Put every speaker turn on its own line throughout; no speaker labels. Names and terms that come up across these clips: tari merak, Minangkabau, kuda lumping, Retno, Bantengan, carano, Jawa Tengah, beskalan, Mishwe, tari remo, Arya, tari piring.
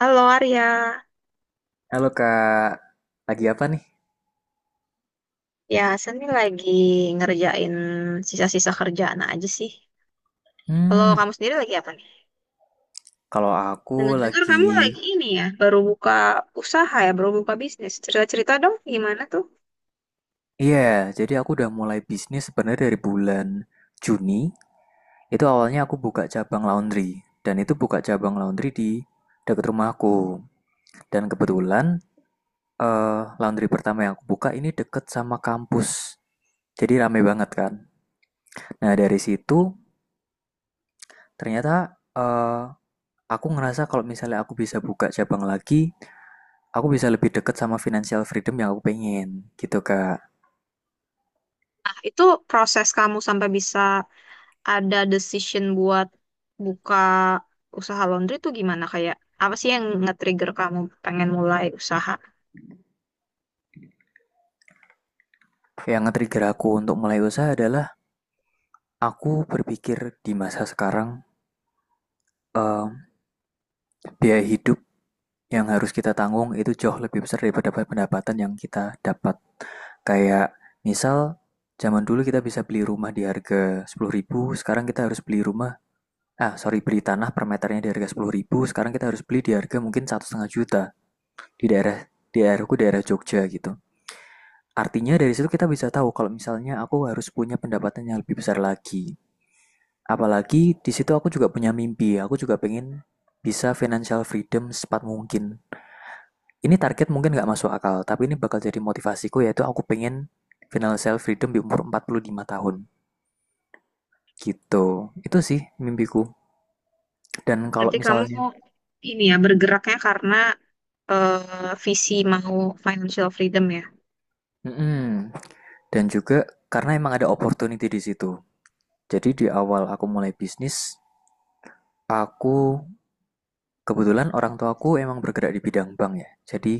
Halo Arya,
Halo Kak, lagi apa nih?
ya saya ini lagi ngerjain sisa-sisa kerjaan aja sih.
Hmm,
Kalau kamu sendiri lagi apa nih?
Kalau aku
Dengar-dengar
lagi,
kamu lagi ini ya, baru buka usaha ya, baru buka bisnis. Cerita-cerita dong gimana tuh?
iya, jadi aku udah mulai bisnis sebenarnya dari bulan Juni. Itu awalnya aku buka cabang laundry, dan itu buka cabang laundry di dekat rumahku. Dan kebetulan laundry pertama yang aku buka ini deket sama kampus, jadi rame banget kan. Nah dari situ ternyata eh, aku ngerasa kalau misalnya aku bisa buka cabang lagi, aku bisa lebih dekat sama financial freedom yang aku pengen gitu kak.
Nah, itu proses kamu sampai bisa ada decision buat buka usaha laundry tuh gimana? Kayak apa sih yang nge-trigger kamu pengen mulai usaha?
Yang nge-trigger aku untuk mulai usaha adalah aku berpikir di masa sekarang eh, biaya hidup yang harus kita tanggung itu jauh lebih besar daripada pendapatan yang kita dapat, kayak misal zaman dulu kita bisa beli rumah di harga 10.000, sekarang kita harus beli rumah ah sorry beli tanah per meternya di harga 10.000, sekarang kita harus beli di harga mungkin 1,5 juta di daerah di daerahku daerah Jogja gitu. Artinya dari situ kita bisa tahu kalau misalnya aku harus punya pendapatan yang lebih besar lagi. Apalagi di situ aku juga punya mimpi, aku juga pengen bisa financial freedom secepat mungkin. Ini target mungkin nggak masuk akal, tapi ini bakal jadi motivasiku, yaitu aku pengen financial freedom di umur 45 tahun. Gitu, itu sih mimpiku. Dan kalau
Berarti kamu
misalnya,
ini ya, bergeraknya karena visi mau financial freedom ya?
mm-mm. Dan juga karena emang ada opportunity di situ. Jadi di awal aku mulai bisnis, aku kebetulan orang tuaku emang bergerak di bidang bank ya, jadi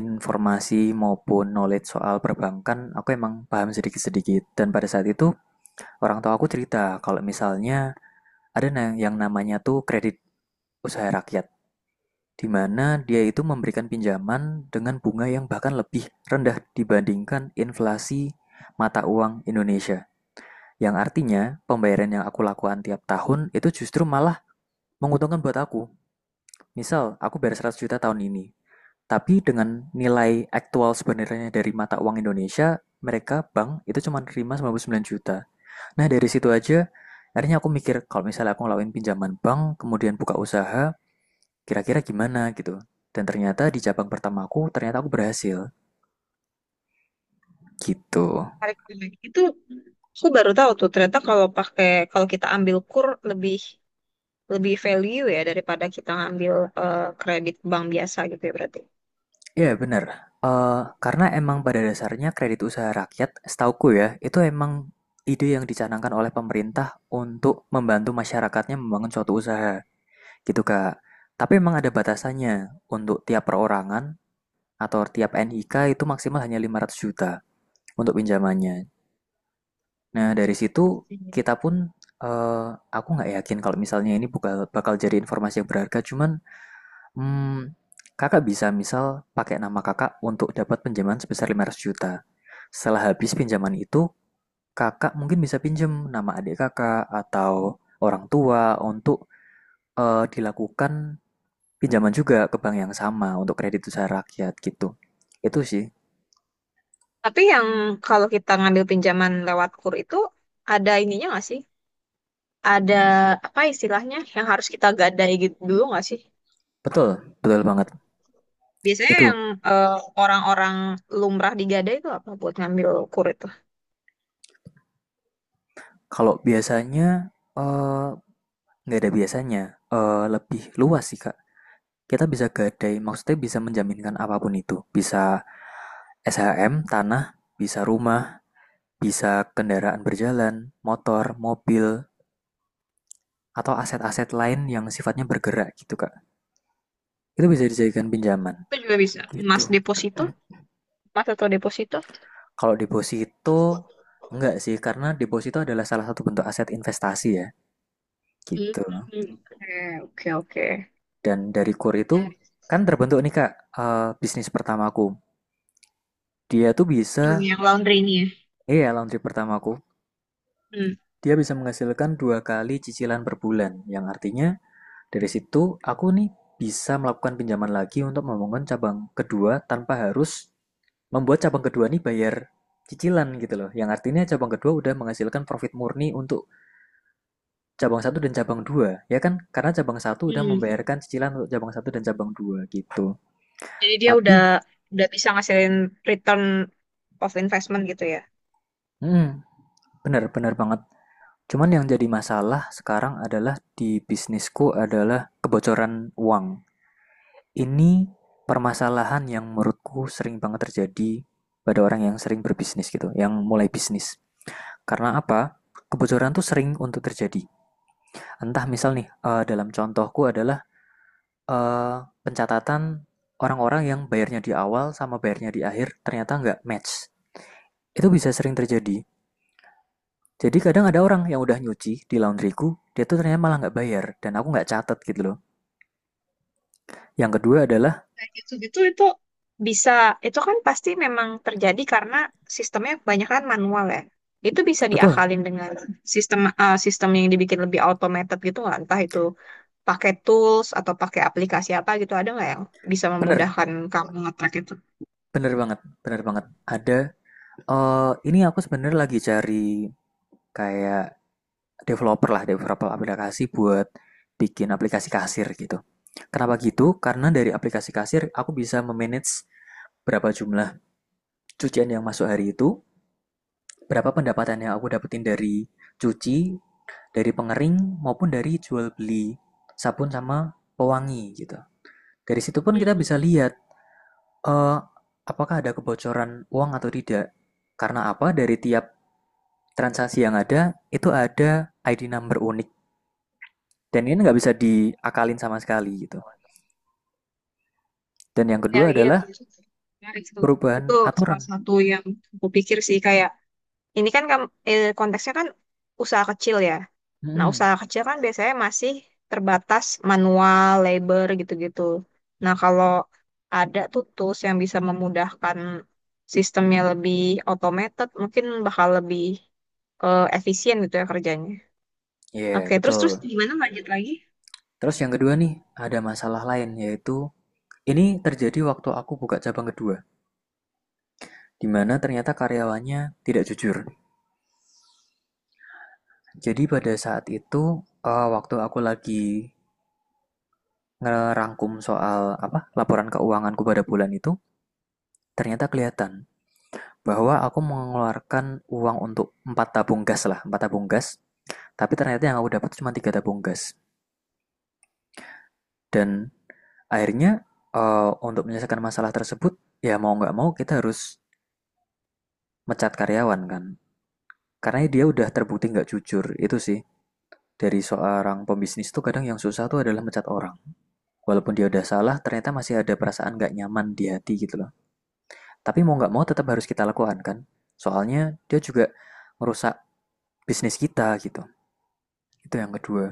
informasi maupun knowledge soal perbankan aku emang paham sedikit-sedikit. Dan pada saat itu orang tua aku cerita kalau misalnya ada yang namanya tuh kredit usaha rakyat, di mana dia itu memberikan pinjaman dengan bunga yang bahkan lebih rendah dibandingkan inflasi mata uang Indonesia. Yang artinya pembayaran yang aku lakukan tiap tahun itu justru malah menguntungkan buat aku. Misal aku bayar 100 juta tahun ini, tapi dengan nilai aktual sebenarnya dari mata uang Indonesia, mereka bank itu cuma nerima 99 juta. Nah, dari situ aja akhirnya aku mikir kalau misalnya aku ngelakuin pinjaman bank, kemudian buka usaha, kira-kira gimana gitu. Dan ternyata di cabang pertama aku, ternyata aku berhasil gitu.
Tarik balik. Itu aku baru tahu tuh ternyata kalau pakai kalau kita ambil kur lebih lebih value ya daripada kita ngambil kredit bank biasa gitu ya berarti.
Iya, bener. Karena emang pada dasarnya kredit usaha rakyat, setauku ya, itu emang ide yang dicanangkan oleh pemerintah untuk membantu masyarakatnya membangun suatu usaha. Gitu, Kak. Tapi memang ada batasannya. Untuk tiap perorangan atau tiap NIK itu maksimal hanya 500 juta untuk pinjamannya. Nah, dari situ
Pastinya.
kita pun eh, aku nggak yakin kalau misalnya ini bakal bakal jadi informasi yang berharga, cuman hmm, kakak bisa misal pakai nama kakak untuk dapat pinjaman sebesar 500 juta. Setelah habis pinjaman itu, kakak mungkin bisa pinjam nama adik kakak atau orang tua untuk dilakukan pinjaman juga ke bank yang sama untuk kredit usaha rakyat gitu. Itu sih.
Tapi yang kalau kita ngambil pinjaman lewat kur itu ada ininya nggak sih? Ada apa istilahnya yang harus kita gadai gitu dulu nggak sih?
Betul, betul banget.
Biasanya
Itu
yang eh, orang-orang lumrah digadai itu apa buat ngambil kur itu?
kalau biasanya eh, nggak ada biasanya, lebih luas sih, Kak. Kita bisa gadai, maksudnya bisa menjaminkan apapun itu. Bisa SHM, tanah, bisa rumah, bisa kendaraan berjalan, motor, mobil, atau aset-aset lain yang sifatnya bergerak gitu, Kak. Itu bisa dijadikan pinjaman
Itu juga bisa.
gitu.
Emas deposito, emas atau deposito?
Kalau deposito enggak sih, karena deposito adalah salah satu bentuk aset investasi ya, gitu.
Hmm. Oke, oke, oke.
Dan dari kur itu
Dari-
kan terbentuk nih Kak, bisnis pertamaku. Dia tuh bisa,
Hmm, yang laundry ini ya.
iya laundry pertamaku,
Hmm.
dia bisa menghasilkan dua kali cicilan per bulan, yang artinya dari situ aku nih bisa melakukan pinjaman lagi untuk membangun cabang kedua tanpa harus membuat cabang kedua nih bayar cicilan gitu loh. Yang artinya cabang kedua udah menghasilkan profit murni untuk cabang satu dan cabang 2 ya kan? Karena cabang satu udah
Hmm.
membayarkan cicilan untuk cabang satu dan cabang dua gitu.
Jadi dia
Tapi,
udah bisa ngasilin return of investment gitu ya.
hmm, benar benar banget. Cuman yang jadi masalah sekarang adalah di bisnisku adalah kebocoran uang. Ini permasalahan yang menurutku sering banget terjadi pada orang yang sering berbisnis gitu, yang mulai bisnis. Karena apa? Kebocoran tuh sering untuk terjadi. Entah misal nih, dalam contohku adalah eh, pencatatan orang-orang yang bayarnya di awal sama bayarnya di akhir ternyata nggak match. Itu bisa sering terjadi. Jadi kadang ada orang yang udah nyuci di laundryku, dia tuh ternyata malah nggak bayar dan aku nggak catat gitu loh. Yang kedua adalah.
Kayak gitu-gitu itu bisa itu kan pasti memang terjadi karena sistemnya kebanyakan manual ya. Itu bisa
Betul,
diakalin dengan sistem sistem yang dibikin lebih automated gitu nggak? Entah itu pakai tools atau pakai aplikasi apa gitu ada nggak yang bisa
bener,
memudahkan kamu nge-track itu?
bener banget, bener banget. Ada ini aku sebenarnya lagi cari kayak developer lah, developer aplikasi buat bikin aplikasi kasir gitu. Kenapa gitu? Karena dari aplikasi kasir aku bisa memanage berapa jumlah cucian yang masuk hari itu, berapa pendapatan yang aku dapetin dari cuci, dari pengering, maupun dari jual beli sabun sama pewangi gitu. Dari situ pun kita bisa
Hmm.
lihat eh, apakah ada kebocoran uang atau tidak. Karena apa? Dari tiap transaksi yang ada, itu ada ID number unik. Dan ini nggak bisa diakalin sama sekali gitu. Dan yang
Hmm, ya,
kedua
iya
adalah
tuh. Menarik tuh. Itu
perubahan
salah
aturan.
satu yang aku pikir sih kayak ini kan konteksnya kan usaha kecil ya. Nah,
Hmm,
usaha kecil kan biasanya masih terbatas manual, labor gitu-gitu. Nah, kalau ada tuh tools yang bisa memudahkan sistemnya lebih automated, mungkin bakal lebih efisien gitu ya kerjanya.
iya
Oke, terus terus
betul.
gimana lanjut lagi?
Terus yang kedua nih, ada masalah lain yaitu ini terjadi waktu aku buka cabang kedua, di mana ternyata karyawannya tidak jujur. Jadi pada saat itu, waktu aku lagi ngerangkum soal apa laporan keuanganku pada bulan itu, ternyata kelihatan bahwa aku mengeluarkan uang untuk empat tabung gas lah, empat tabung gas. Tapi ternyata yang aku dapat cuma tiga tabung gas. Dan akhirnya untuk menyelesaikan masalah tersebut, ya mau nggak mau kita harus mecat karyawan kan. Karena dia udah terbukti nggak jujur, itu sih. Dari seorang pembisnis tuh kadang yang susah tuh adalah mencat orang. Walaupun dia udah salah, ternyata masih ada perasaan nggak nyaman di hati gitu loh. Tapi mau nggak mau tetap harus kita lakukan kan? Soalnya dia juga merusak bisnis kita gitu. Itu yang kedua.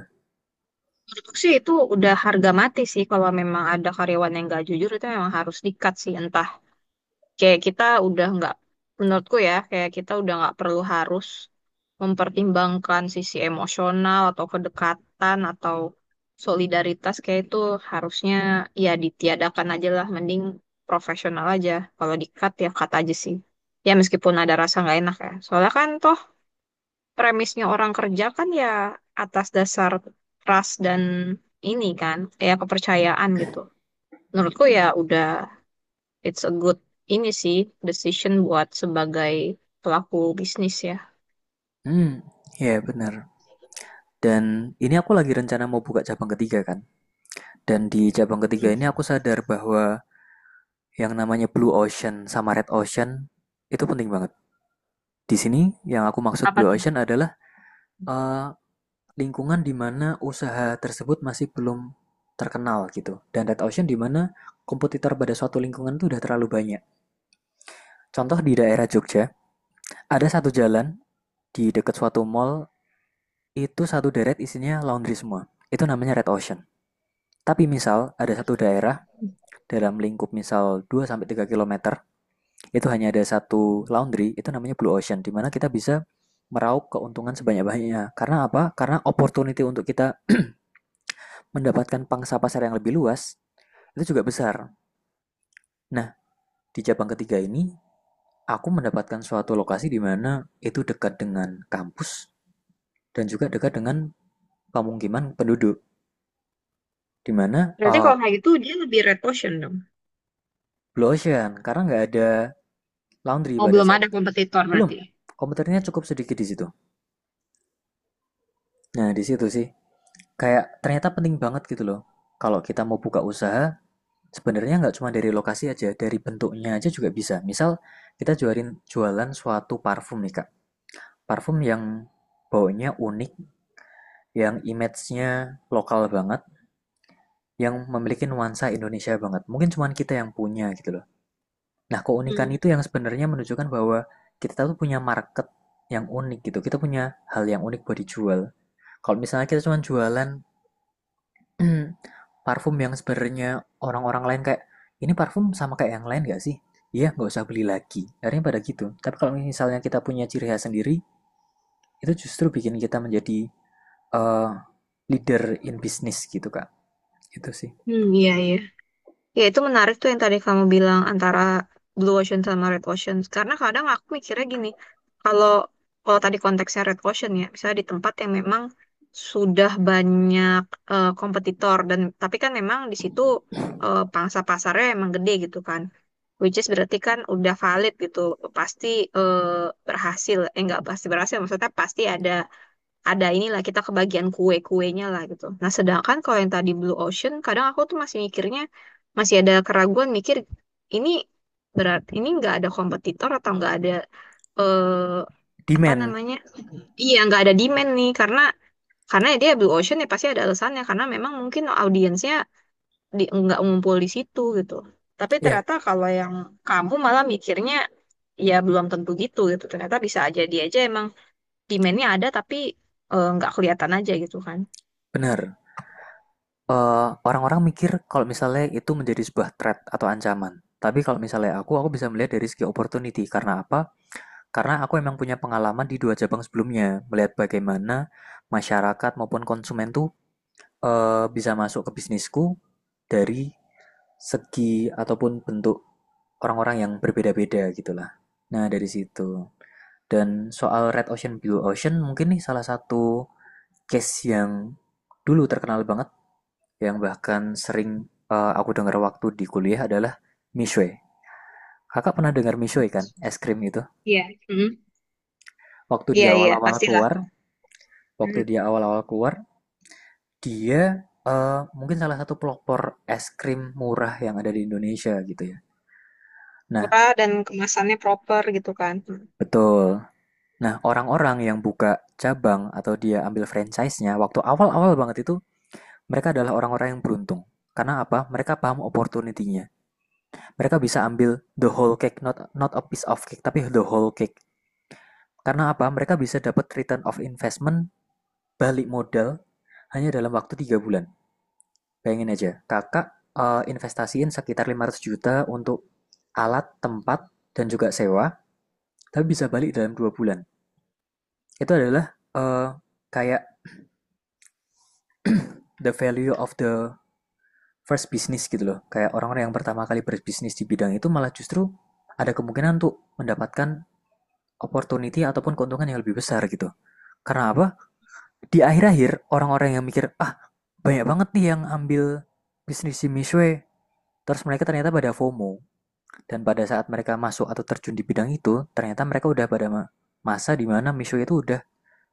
Menurutku sih itu udah harga mati sih kalau memang ada karyawan yang nggak jujur itu memang harus di-cut sih entah kayak kita udah nggak, menurutku ya kayak kita udah nggak perlu harus mempertimbangkan sisi emosional atau kedekatan atau solidaritas, kayak itu harusnya ya ditiadakan aja lah, mending profesional aja, kalau di-cut ya cut aja sih, ya meskipun ada rasa nggak enak ya soalnya kan toh premisnya orang kerja kan ya atas dasar trust dan ini kan kayak kepercayaan gitu. Menurutku ya udah it's a good ini sih decision buat sebagai pelaku bisnis ya.
Hmm, ya yeah, benar. Dan ini aku lagi rencana mau buka cabang ketiga kan. Dan di cabang ketiga ini
Hmm.
aku sadar bahwa yang namanya Blue Ocean sama Red Ocean itu penting banget. Di sini yang aku maksud
Apa
Blue
tuh?
Ocean adalah eh, lingkungan di mana usaha tersebut masih belum terkenal gitu. Dan Red Ocean di mana kompetitor pada suatu lingkungan itu udah terlalu banyak. Contoh di daerah Jogja, ada satu jalan di dekat suatu mall itu satu deret isinya laundry semua. Itu namanya Red Ocean. Tapi misal ada satu daerah dalam lingkup misal 2 sampai 3 kilometer itu hanya ada satu laundry, itu namanya Blue Ocean di mana kita bisa meraup keuntungan sebanyak-banyaknya. Karena apa? Karena opportunity untuk kita mendapatkan pangsa pasar yang lebih luas itu juga besar. Nah, di cabang ketiga ini, aku mendapatkan suatu lokasi di mana itu dekat dengan kampus dan juga dekat dengan pemukiman penduduk, di mana
Berarti kalau kayak gitu dia lebih red ocean dong.
blue ocean, karena nggak ada laundry
Oh
pada
belum
saat
ada
itu.
kompetitor
Belum,
berarti.
komputernya cukup sedikit di situ. Nah, di situ sih, kayak ternyata penting banget gitu loh. Kalau kita mau buka usaha, sebenarnya nggak cuma dari lokasi aja, dari bentuknya aja juga bisa. Misal, kita jualin jualan suatu parfum nih, Kak. Parfum yang baunya unik, yang image-nya lokal banget, yang memiliki nuansa Indonesia banget. Mungkin cuma kita yang punya gitu loh. Nah, keunikan
Hmm.
itu yang sebenarnya menunjukkan bahwa kita tuh punya market yang unik gitu. Kita punya hal yang unik buat dijual. Kalau misalnya kita cuma jualan parfum yang sebenarnya orang-orang lain kayak ini parfum sama kayak yang lain gak sih? Iya, nggak usah beli lagi. Akhirnya pada gitu. Tapi kalau misalnya kita punya ciri khas sendiri, itu justru bikin kita menjadi uh, leader in business gitu, Kak. Itu sih.
Hmm, iya iya. Ya, itu menarik tuh yang tadi kamu bilang antara blue ocean sama red ocean. Karena kadang aku mikirnya gini, kalau kalau tadi konteksnya red ocean ya, misalnya di tempat yang memang sudah banyak kompetitor, dan tapi kan memang di situ pangsa pasarnya emang gede gitu kan. Which is berarti kan udah valid gitu, pasti eh, berhasil. Eh nggak pasti berhasil, maksudnya pasti ada inilah kita kebagian kue-kuenya lah gitu. Nah, sedangkan kalau yang tadi Blue Ocean, kadang aku tuh masih mikirnya masih ada keraguan mikir ini berat ini nggak ada kompetitor atau nggak ada eh, apa
Demand.
namanya? Iya, nggak ada demand nih karena ya dia Blue Ocean ya pasti ada alasannya karena memang mungkin audiensnya di, nggak ngumpul di situ gitu. Tapi
Ya, yeah,
ternyata kalau yang kamu malah mikirnya ya belum tentu gitu gitu. Ternyata bisa aja dia aja emang demand-nya ada tapi nggak kelihatan aja gitu kan.
benar. Eh, orang-orang mikir kalau misalnya itu menjadi sebuah threat atau ancaman. Tapi kalau misalnya aku bisa melihat dari segi opportunity. Karena apa? Karena aku emang punya pengalaman di dua cabang sebelumnya. Melihat bagaimana masyarakat maupun konsumen tuh bisa masuk ke bisnisku dari segi ataupun bentuk orang-orang yang berbeda-beda gitulah. Nah, dari situ. Dan soal Red Ocean, Blue Ocean mungkin nih salah satu case yang dulu terkenal banget yang bahkan sering aku dengar waktu di kuliah adalah Mishwe. Kakak pernah dengar Mishwe kan? Es krim itu.
Iya. Mm.
Waktu
Iya,
dia
iya,
awal-awal
pastilah.
keluar, waktu
Mm.
dia awal-awal keluar, dia mungkin salah satu pelopor es krim murah yang ada di Indonesia gitu ya. Nah,
Murah dan kemasannya proper gitu kan. Mm.
betul. Nah, orang-orang yang buka cabang atau dia ambil franchise-nya waktu awal-awal banget itu, mereka adalah orang-orang yang beruntung. Karena apa? Mereka paham opportunity-nya. Mereka bisa ambil the whole cake, not not a piece of cake, tapi the whole cake. Karena apa? Mereka bisa dapat return of investment, balik modal hanya dalam waktu 3 bulan. Bayangin aja, kakak investasiin sekitar 500 juta untuk alat, tempat, dan juga sewa, tapi bisa balik dalam 2 bulan. Itu adalah eh, kayak the value of the first business gitu loh. Kayak orang-orang yang pertama kali berbisnis di bidang itu malah justru ada kemungkinan untuk mendapatkan opportunity ataupun keuntungan yang lebih besar gitu. Karena apa? Di akhir-akhir orang-orang yang mikir, ah banyak banget nih yang ambil bisnis di Mishwe. Terus mereka ternyata pada FOMO. Dan pada saat mereka masuk atau terjun di bidang itu, ternyata mereka udah pada masa di mana Mishwe itu udah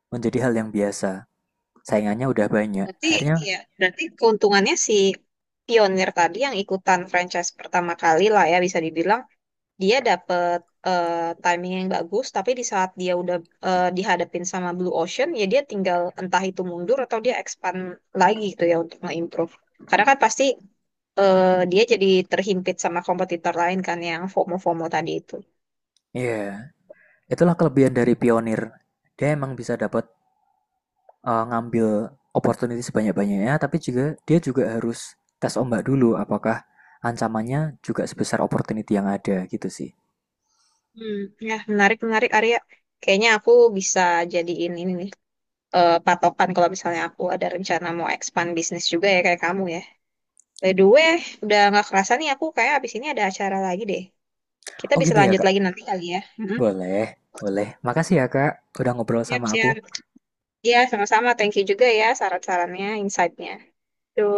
menjadi hal yang biasa. Saingannya udah banyak.
Berarti,
Akhirnya,
ya, berarti keuntungannya si pionir tadi yang ikutan franchise pertama kali lah ya, bisa dibilang dia dapet eh, timing yang bagus, tapi di saat dia udah dihadapin sama Blue Ocean, ya dia tinggal entah itu mundur atau dia expand lagi gitu ya untuk nge-improve. Karena kan pasti dia jadi terhimpit sama kompetitor lain kan yang FOMO-FOMO tadi itu.
ya, yeah, itulah kelebihan dari pionir. Dia emang bisa dapat ngambil opportunity sebanyak-banyaknya, tapi juga dia juga harus tes ombak dulu apakah ancamannya juga sebesar opportunity yang ada gitu sih.
Hmm, ya menarik menarik Arya. Kayaknya aku bisa jadiin ini nih patokan kalau misalnya aku ada rencana mau expand bisnis juga ya kayak kamu ya. By the way, udah nggak kerasa nih aku kayak abis ini ada acara lagi deh. Kita
Oh
bisa
gitu ya
lanjut
kak?
lagi nanti kali ya. Mhm.
Boleh, boleh. Makasih ya kak udah ngobrol
Siap,
sama aku.
siap. Iya, sama-sama. Thank you juga ya saran-sarannya, insight-nya. Tuh.